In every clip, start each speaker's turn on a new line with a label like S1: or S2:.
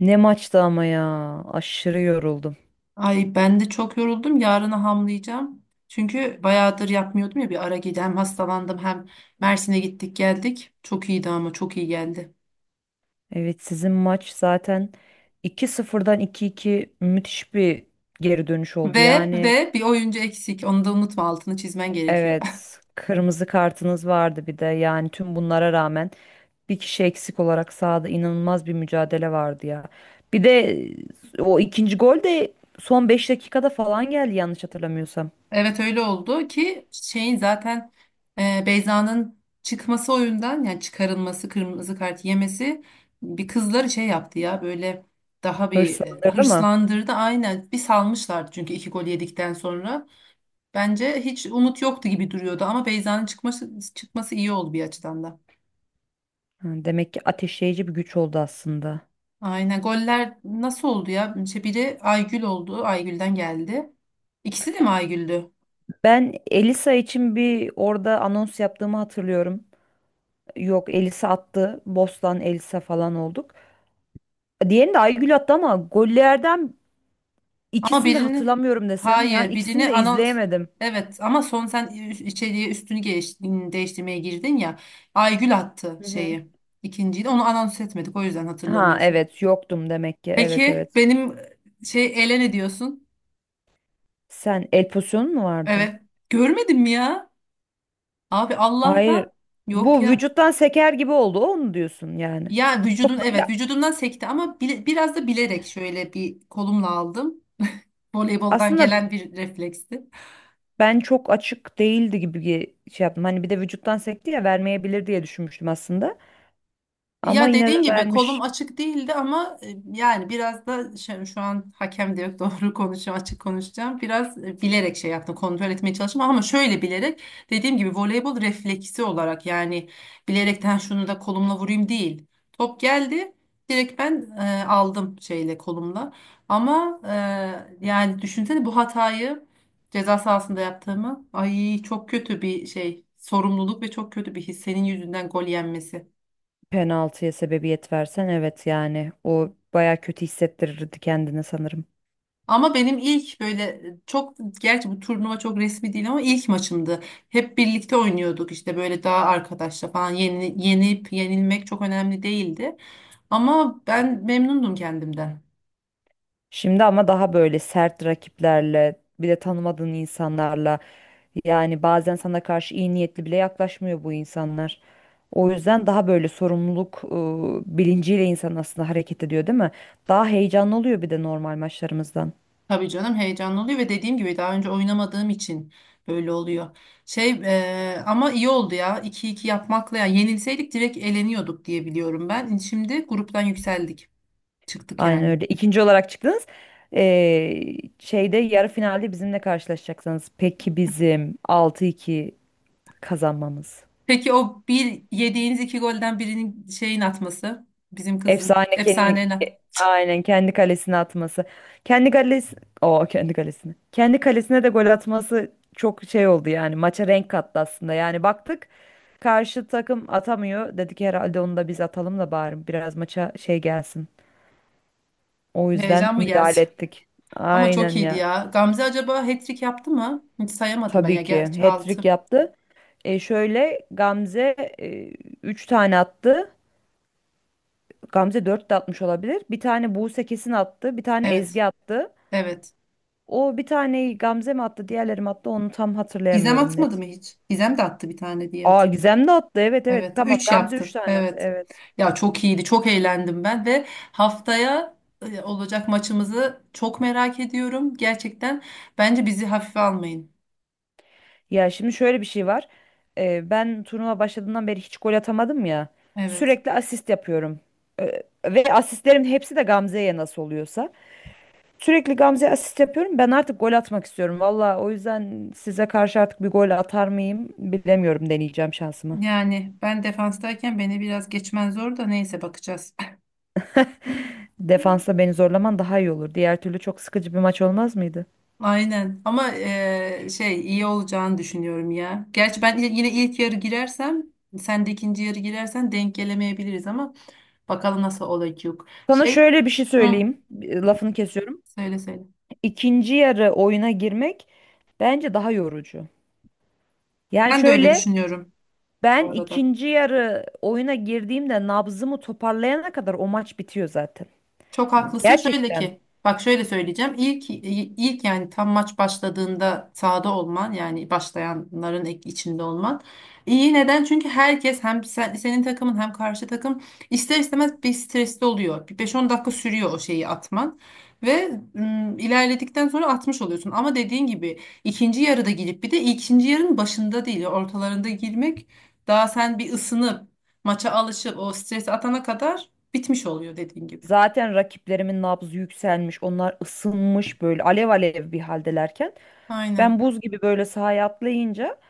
S1: Ne maçtı ama ya. Aşırı yoruldum.
S2: Ay ben de çok yoruldum. Yarına hamlayacağım. Çünkü bayağıdır yapmıyordum ya bir ara gidi. Hem hastalandım hem Mersin'e gittik geldik. Çok iyiydi ama çok iyi geldi.
S1: Evet sizin maç zaten iki sıfırdan iki iki müthiş bir geri dönüş oldu.
S2: Ve
S1: Yani
S2: ve bir oyuncu eksik. Onu da unutma, altını çizmen gerekiyor.
S1: evet kırmızı kartınız vardı bir de. Yani tüm bunlara rağmen bir kişi eksik olarak sahada inanılmaz bir mücadele vardı ya. Bir de o ikinci gol de son 5 dakikada falan geldi yanlış hatırlamıyorsam.
S2: Evet, öyle oldu ki şeyin zaten Beyza'nın çıkması oyundan, yani çıkarılması, kırmızı kart yemesi bir kızları şey yaptı ya böyle, daha bir
S1: Hırslandırdı mı?
S2: hırslandırdı. Aynen, bir salmışlardı çünkü iki gol yedikten sonra. Bence hiç umut yoktu gibi duruyordu ama Beyza'nın çıkması iyi oldu bir açıdan da.
S1: Ha, demek ki ateşleyici bir güç oldu aslında.
S2: Aynen, goller nasıl oldu ya? İşte biri Aygül oldu. Aygül'den geldi. İkisi de mi Aygül'dü?
S1: Ben Elisa için bir orada anons yaptığımı hatırlıyorum. Yok Elisa attı. Bostan Elisa falan olduk. Diğerini de Aygül attı ama gollerden
S2: Ama
S1: ikisini de
S2: birini,
S1: hatırlamıyorum desem. Yani
S2: hayır
S1: ikisini
S2: birini
S1: de
S2: anons,
S1: izleyemedim.
S2: evet ama son sen içeriye değiştirmeye girdin ya. Aygül attı
S1: Hı hı.
S2: şeyi. İkinciyi de onu anons etmedik, o yüzden
S1: Ha
S2: hatırlamıyorsun.
S1: evet yoktum demek ki. Evet
S2: Peki
S1: evet.
S2: benim şey ele ne diyorsun?
S1: Sen el pozisyonu mu vardı?
S2: Evet. Görmedin mi ya? Abi Allah'tan
S1: Hayır.
S2: yok
S1: Bu
S2: ya.
S1: vücuttan seker gibi oldu. O mu diyorsun yani?
S2: Ya vücudun, evet
S1: Böyle
S2: vücudumdan sekti ama biraz da bilerek şöyle bir kolumla aldım. Voleyboldan
S1: aslında
S2: gelen bir refleksti.
S1: ben çok açık değildi gibi şey yaptım. Hani bir de vücuttan sekti ya vermeyebilir diye düşünmüştüm aslında. Ama
S2: Ya
S1: yine
S2: dediğin
S1: de
S2: gibi
S1: vermiş.
S2: kolum açık değildi ama yani biraz da şu an hakem de yok doğru konuşacağım, açık konuşacağım. Biraz bilerek şey yaptım, kontrol etmeye çalıştım ama şöyle bilerek, dediğim gibi voleybol refleksi olarak yani bilerekten şunu da kolumla vurayım değil. Top geldi, direkt ben aldım şeyle kolumla ama yani düşünsene bu hatayı ceza sahasında yaptığımı, ay çok kötü bir şey, sorumluluk ve çok kötü bir his senin yüzünden gol yenmesi.
S1: Penaltıya sebebiyet versen evet yani o baya kötü hissettirirdi kendini sanırım.
S2: Ama benim ilk böyle çok, gerçi bu turnuva çok resmi değil ama ilk maçımdı. Hep birlikte oynuyorduk işte, böyle daha arkadaşla falan, yenip yenilmek çok önemli değildi. Ama ben memnundum kendimden.
S1: Şimdi ama daha böyle sert rakiplerle bir de tanımadığın insanlarla yani bazen sana karşı iyi niyetli bile yaklaşmıyor bu insanlar. O yüzden daha böyle sorumluluk bilinciyle insan aslında hareket ediyor değil mi? Daha heyecanlı oluyor bir de normal maçlarımızdan.
S2: Tabii canım, heyecanlı oluyor ve dediğim gibi daha önce oynamadığım için böyle oluyor. Şey Ama iyi oldu ya, 2-2 yapmakla, ya yenilseydik direkt eleniyorduk diye biliyorum ben. Şimdi gruptan yükseldik, çıktık
S1: Aynen
S2: yani.
S1: öyle. İkinci olarak çıktınız. Ee, Şeyde yarı finalde bizimle karşılaşacaksınız. Peki bizim 6-2 kazanmamız.
S2: Peki o bir yediğiniz iki golden birinin şeyin atması, bizim kızın
S1: Efsane kendi
S2: efsane
S1: aynen kendi kalesine atması. Kendi kalesi o kendi kalesine. Kendi kalesine de gol atması çok şey oldu yani maça renk kattı aslında. Yani baktık karşı takım atamıyor. Dedik herhalde onu da biz atalım da bari biraz maça şey gelsin. O yüzden
S2: heyecan mı geldi?
S1: müdahale ettik.
S2: Ama çok
S1: Aynen
S2: iyiydi
S1: ya.
S2: ya. Gamze acaba hat-trick yaptı mı? Hiç sayamadım ben ya,
S1: Tabii ki
S2: gerçi
S1: hat-trick
S2: altı.
S1: yaptı. E şöyle Gamze e, 3 tane attı. Gamze 4 de atmış olabilir. Bir tane Buse kesin attı. Bir tane
S2: Evet.
S1: Ezgi attı.
S2: Evet.
S1: O bir taneyi Gamze mi attı, diğerleri mi attı onu tam
S2: Gizem
S1: hatırlayamıyorum
S2: atmadı
S1: net.
S2: mı hiç? Gizem de attı bir tane diye
S1: Aa
S2: hatırlıyorum.
S1: Gizem de attı. Evet evet
S2: Evet.
S1: tamam
S2: Üç
S1: Gamze 3
S2: yaptı.
S1: tane attı.
S2: Evet.
S1: Evet.
S2: Ya çok iyiydi. Çok eğlendim ben ve haftaya olacak maçımızı çok merak ediyorum. Gerçekten bence bizi hafife almayın.
S1: Ya şimdi şöyle bir şey var. Ben turnuva başladığından beri hiç gol atamadım ya.
S2: Evet.
S1: Sürekli asist yapıyorum. Ve asistlerim hepsi de Gamze'ye nasıl oluyorsa. Sürekli Gamze'ye asist yapıyorum. Ben artık gol atmak istiyorum. Valla o yüzden size karşı artık bir gol atar mıyım bilemiyorum deneyeceğim şansımı.
S2: Yani ben defanstayken beni biraz geçmen zor da, neyse bakacağız.
S1: Defansa beni zorlaman daha iyi olur. Diğer türlü çok sıkıcı bir maç olmaz mıydı?
S2: Aynen ama şey iyi olacağını düşünüyorum ya. Gerçi ben yine ilk yarı girersem sen de ikinci yarı girersen denk gelemeyebiliriz ama bakalım nasıl olacak.
S1: Sana
S2: Şey
S1: şöyle bir şey
S2: hı,
S1: söyleyeyim. Lafını kesiyorum.
S2: söyle söyle.
S1: İkinci yarı oyuna girmek bence daha yorucu. Yani
S2: Ben de öyle
S1: şöyle
S2: düşünüyorum
S1: ben
S2: bu arada.
S1: ikinci yarı oyuna girdiğimde nabzımı toparlayana kadar o maç bitiyor zaten.
S2: Çok haklısın. Şöyle
S1: Gerçekten.
S2: ki, bak şöyle söyleyeceğim. İlk, yani tam maç başladığında sahada olman, yani başlayanların içinde olman iyi. Neden? Çünkü herkes, hem senin takımın hem karşı takım, ister istemez bir stresli oluyor. Bir 5-10 dakika sürüyor o şeyi atman ve ilerledikten sonra atmış oluyorsun. Ama dediğin gibi ikinci yarıda girip, bir de ikinci yarının başında değil, ortalarında girmek, daha sen bir ısınıp maça alışıp o stresi atana kadar bitmiş oluyor dediğin gibi.
S1: Zaten rakiplerimin nabzı yükselmiş. Onlar ısınmış böyle alev alev bir haldelerken. Ben
S2: Aynen.
S1: buz gibi böyle sahaya atlayınca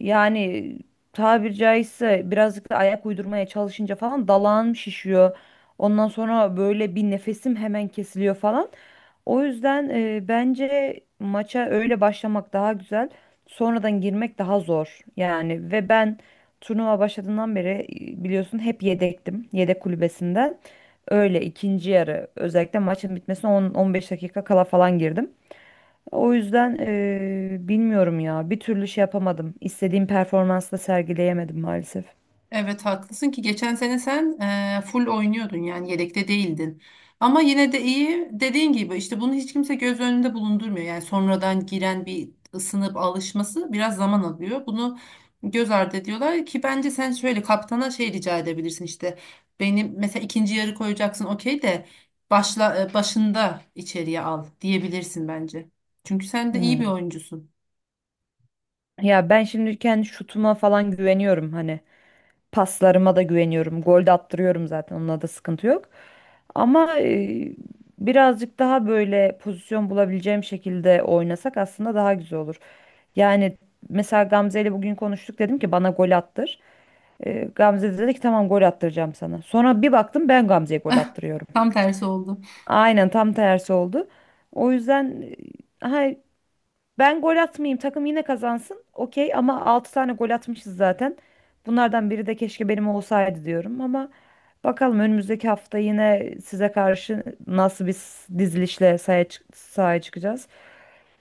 S1: yani tabiri caizse birazcık da ayak uydurmaya çalışınca falan dalağım şişiyor. Ondan sonra böyle bir nefesim hemen kesiliyor falan. O yüzden bence maça öyle başlamak daha güzel. Sonradan girmek daha zor. Yani ve ben turnuva başladığından beri biliyorsun hep yedektim. Yedek kulübesinden. Öyle ikinci yarı özellikle maçın bitmesine 10-15 dakika kala falan girdim. O yüzden bilmiyorum ya. Bir türlü şey yapamadım. İstediğim performansla sergileyemedim maalesef.
S2: Evet, haklısın ki geçen sene sen full oynuyordun, yani yedekte değildin. Ama yine de iyi, dediğin gibi işte bunu hiç kimse göz önünde bulundurmuyor. Yani sonradan giren bir ısınıp alışması biraz zaman alıyor. Bunu göz ardı ediyorlar ki bence sen şöyle kaptana şey rica edebilirsin işte. Benim mesela ikinci yarı koyacaksın okey, de başında içeriye al diyebilirsin bence. Çünkü sen de iyi bir
S1: Hmm.
S2: oyuncusun.
S1: Ya ben şimdi kendi şutuma falan güveniyorum hani. Paslarıma da güveniyorum. Gol de attırıyorum zaten. Onunla da sıkıntı yok. Ama birazcık daha böyle pozisyon bulabileceğim şekilde oynasak aslında daha güzel olur. Yani mesela Gamze ile bugün konuştuk dedim ki bana gol attır. Gamze de dedi ki tamam gol attıracağım sana. Sonra bir baktım ben Gamze'ye gol attırıyorum.
S2: Tam tersi oldu.
S1: Aynen tam tersi oldu. O yüzden e, ha, ben gol atmayayım takım yine kazansın. Okey ama 6 tane gol atmışız zaten. Bunlardan biri de keşke benim olsaydı diyorum ama bakalım önümüzdeki hafta yine size karşı nasıl bir dizilişle sahaya çıkacağız.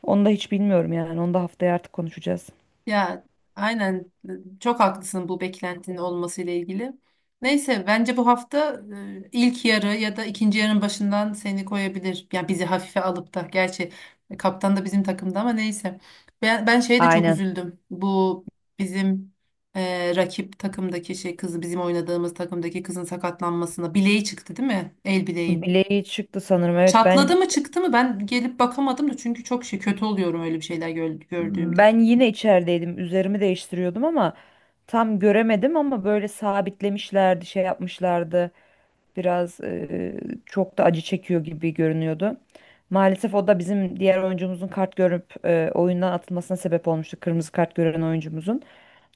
S1: Onu da hiç bilmiyorum yani. Onu da haftaya artık konuşacağız.
S2: Ya aynen, çok haklısın bu beklentinin olması ile ilgili. Neyse bence bu hafta ilk yarı ya da ikinci yarının başından seni koyabilir. Ya bizi hafife alıp da, gerçi kaptan da bizim takımda ama neyse. Ben şeye de çok
S1: Aynen.
S2: üzüldüm. Bu bizim rakip takımdaki şey kızı bizim oynadığımız takımdaki kızın sakatlanmasına, bileği çıktı değil mi? El bileği.
S1: Bileği çıktı sanırım.
S2: Çatladı mı çıktı mı, ben gelip bakamadım da çünkü çok şey kötü oluyorum öyle bir şeyler gördüğümde.
S1: Ben yine içerideydim. Üzerimi değiştiriyordum ama tam göremedim ama böyle sabitlemişlerdi, şey yapmışlardı. Biraz çok da acı çekiyor gibi görünüyordu. Maalesef o da bizim diğer oyuncumuzun kart görüp oyundan atılmasına sebep olmuştu. Kırmızı kart gören oyuncumuzun.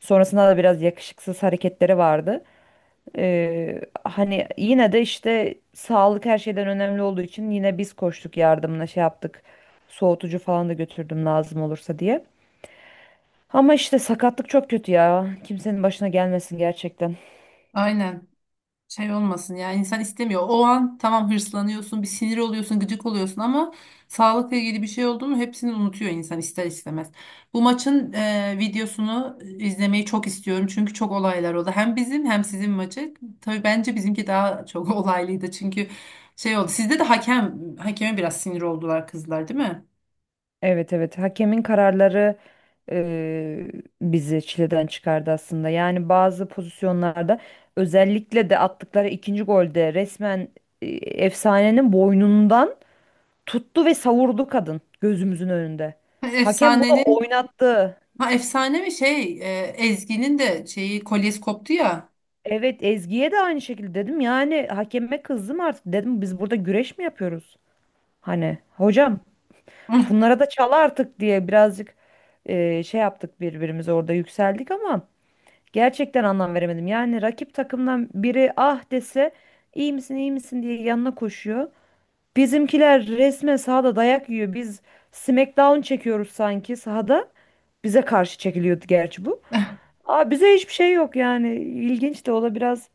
S1: Sonrasında da biraz yakışıksız hareketleri vardı. E, hani yine de işte sağlık her şeyden önemli olduğu için yine biz koştuk yardımına şey yaptık. Soğutucu falan da götürdüm lazım olursa diye. Ama işte sakatlık çok kötü ya. Kimsenin başına gelmesin gerçekten.
S2: Aynen. Şey olmasın yani, insan istemiyor. O an tamam hırslanıyorsun, bir sinir oluyorsun, gıcık oluyorsun ama sağlıkla ilgili bir şey oldu mu hepsini unutuyor insan ister istemez. Bu maçın videosunu izlemeyi çok istiyorum çünkü çok olaylar oldu. Hem bizim hem sizin maçı. Tabii bence bizimki daha çok olaylıydı çünkü şey oldu. Sizde de hakem, hakeme biraz sinir oldular kızlar değil mi?
S1: Evet evet hakemin kararları eee, bizi çileden çıkardı aslında. Yani bazı pozisyonlarda özellikle de attıkları ikinci golde resmen e, efsanenin boynundan tuttu ve savurdu kadın gözümüzün önünde. Hakem bunu
S2: Efsanenin,
S1: oynattı.
S2: ha efsane mi, Ezgi'nin de şeyi kolyesi koptu ya.
S1: Evet Ezgi'ye de aynı şekilde dedim. Yani hakeme kızdım artık dedim biz burada güreş mi yapıyoruz? Hani hocam bunlara da çal artık diye birazcık şey yaptık birbirimize orada yükseldik ama gerçekten anlam veremedim. Yani rakip takımdan biri ah dese iyi misin iyi misin diye yanına koşuyor. Bizimkiler resmen sahada dayak yiyor. Biz Smackdown çekiyoruz sanki sahada. Bize karşı çekiliyordu gerçi bu. Aa, bize hiçbir şey yok yani. İlginç de o da biraz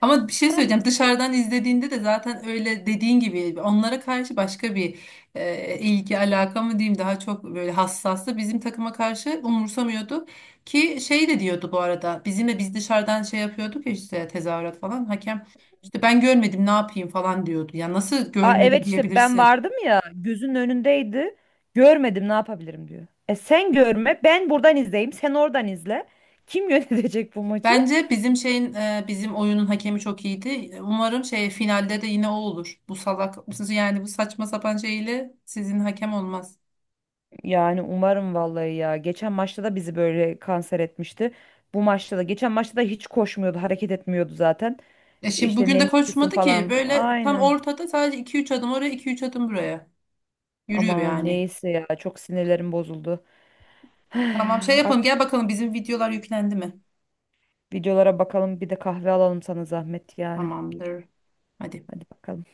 S2: Ama bir şey söyleyeceğim. Dışarıdan izlediğinde de zaten öyle, dediğin gibi onlara karşı başka bir ilgi alaka mı diyeyim, daha çok böyle hassastı. Bizim takıma karşı umursamıyordu ki, şey de diyordu bu arada. Bizimle biz dışarıdan şey yapıyorduk ya işte, tezahürat falan. Hakem işte ben görmedim ne yapayım falan diyordu. Ya nasıl
S1: aa,
S2: görmedim
S1: evet işte ben
S2: diyebilirsin.
S1: vardım ya gözünün önündeydi. Görmedim ne yapabilirim diyor. E sen görme ben buradan izleyeyim sen oradan izle. Kim yönetecek bu maçı?
S2: Bence bizim şeyin bizim oyunun hakemi çok iyiydi. Umarım şey finalde de yine o olur. Bu salak, yani bu saçma sapan şeyle sizin hakem olmaz.
S1: Yani umarım vallahi ya. Geçen maçta da bizi böyle kanser etmişti. Bu maçta da geçen maçta da hiç koşmuyordu hareket etmiyordu zaten.
S2: E şimdi
S1: İşte
S2: bugün de
S1: menisküsün
S2: koşmadı ki
S1: falan
S2: böyle, tam
S1: aynen.
S2: ortada sadece 2-3 adım oraya, 2-3 adım buraya. Yürüyor
S1: Ama
S2: yani.
S1: neyse ya çok sinirlerim bozuldu.
S2: Tamam şey
S1: Artık
S2: yapalım, gel bakalım bizim videolar yüklendi mi?
S1: videolara bakalım bir de kahve alalım sana zahmet yani.
S2: Tamamdır. Hadi.
S1: Hadi bakalım.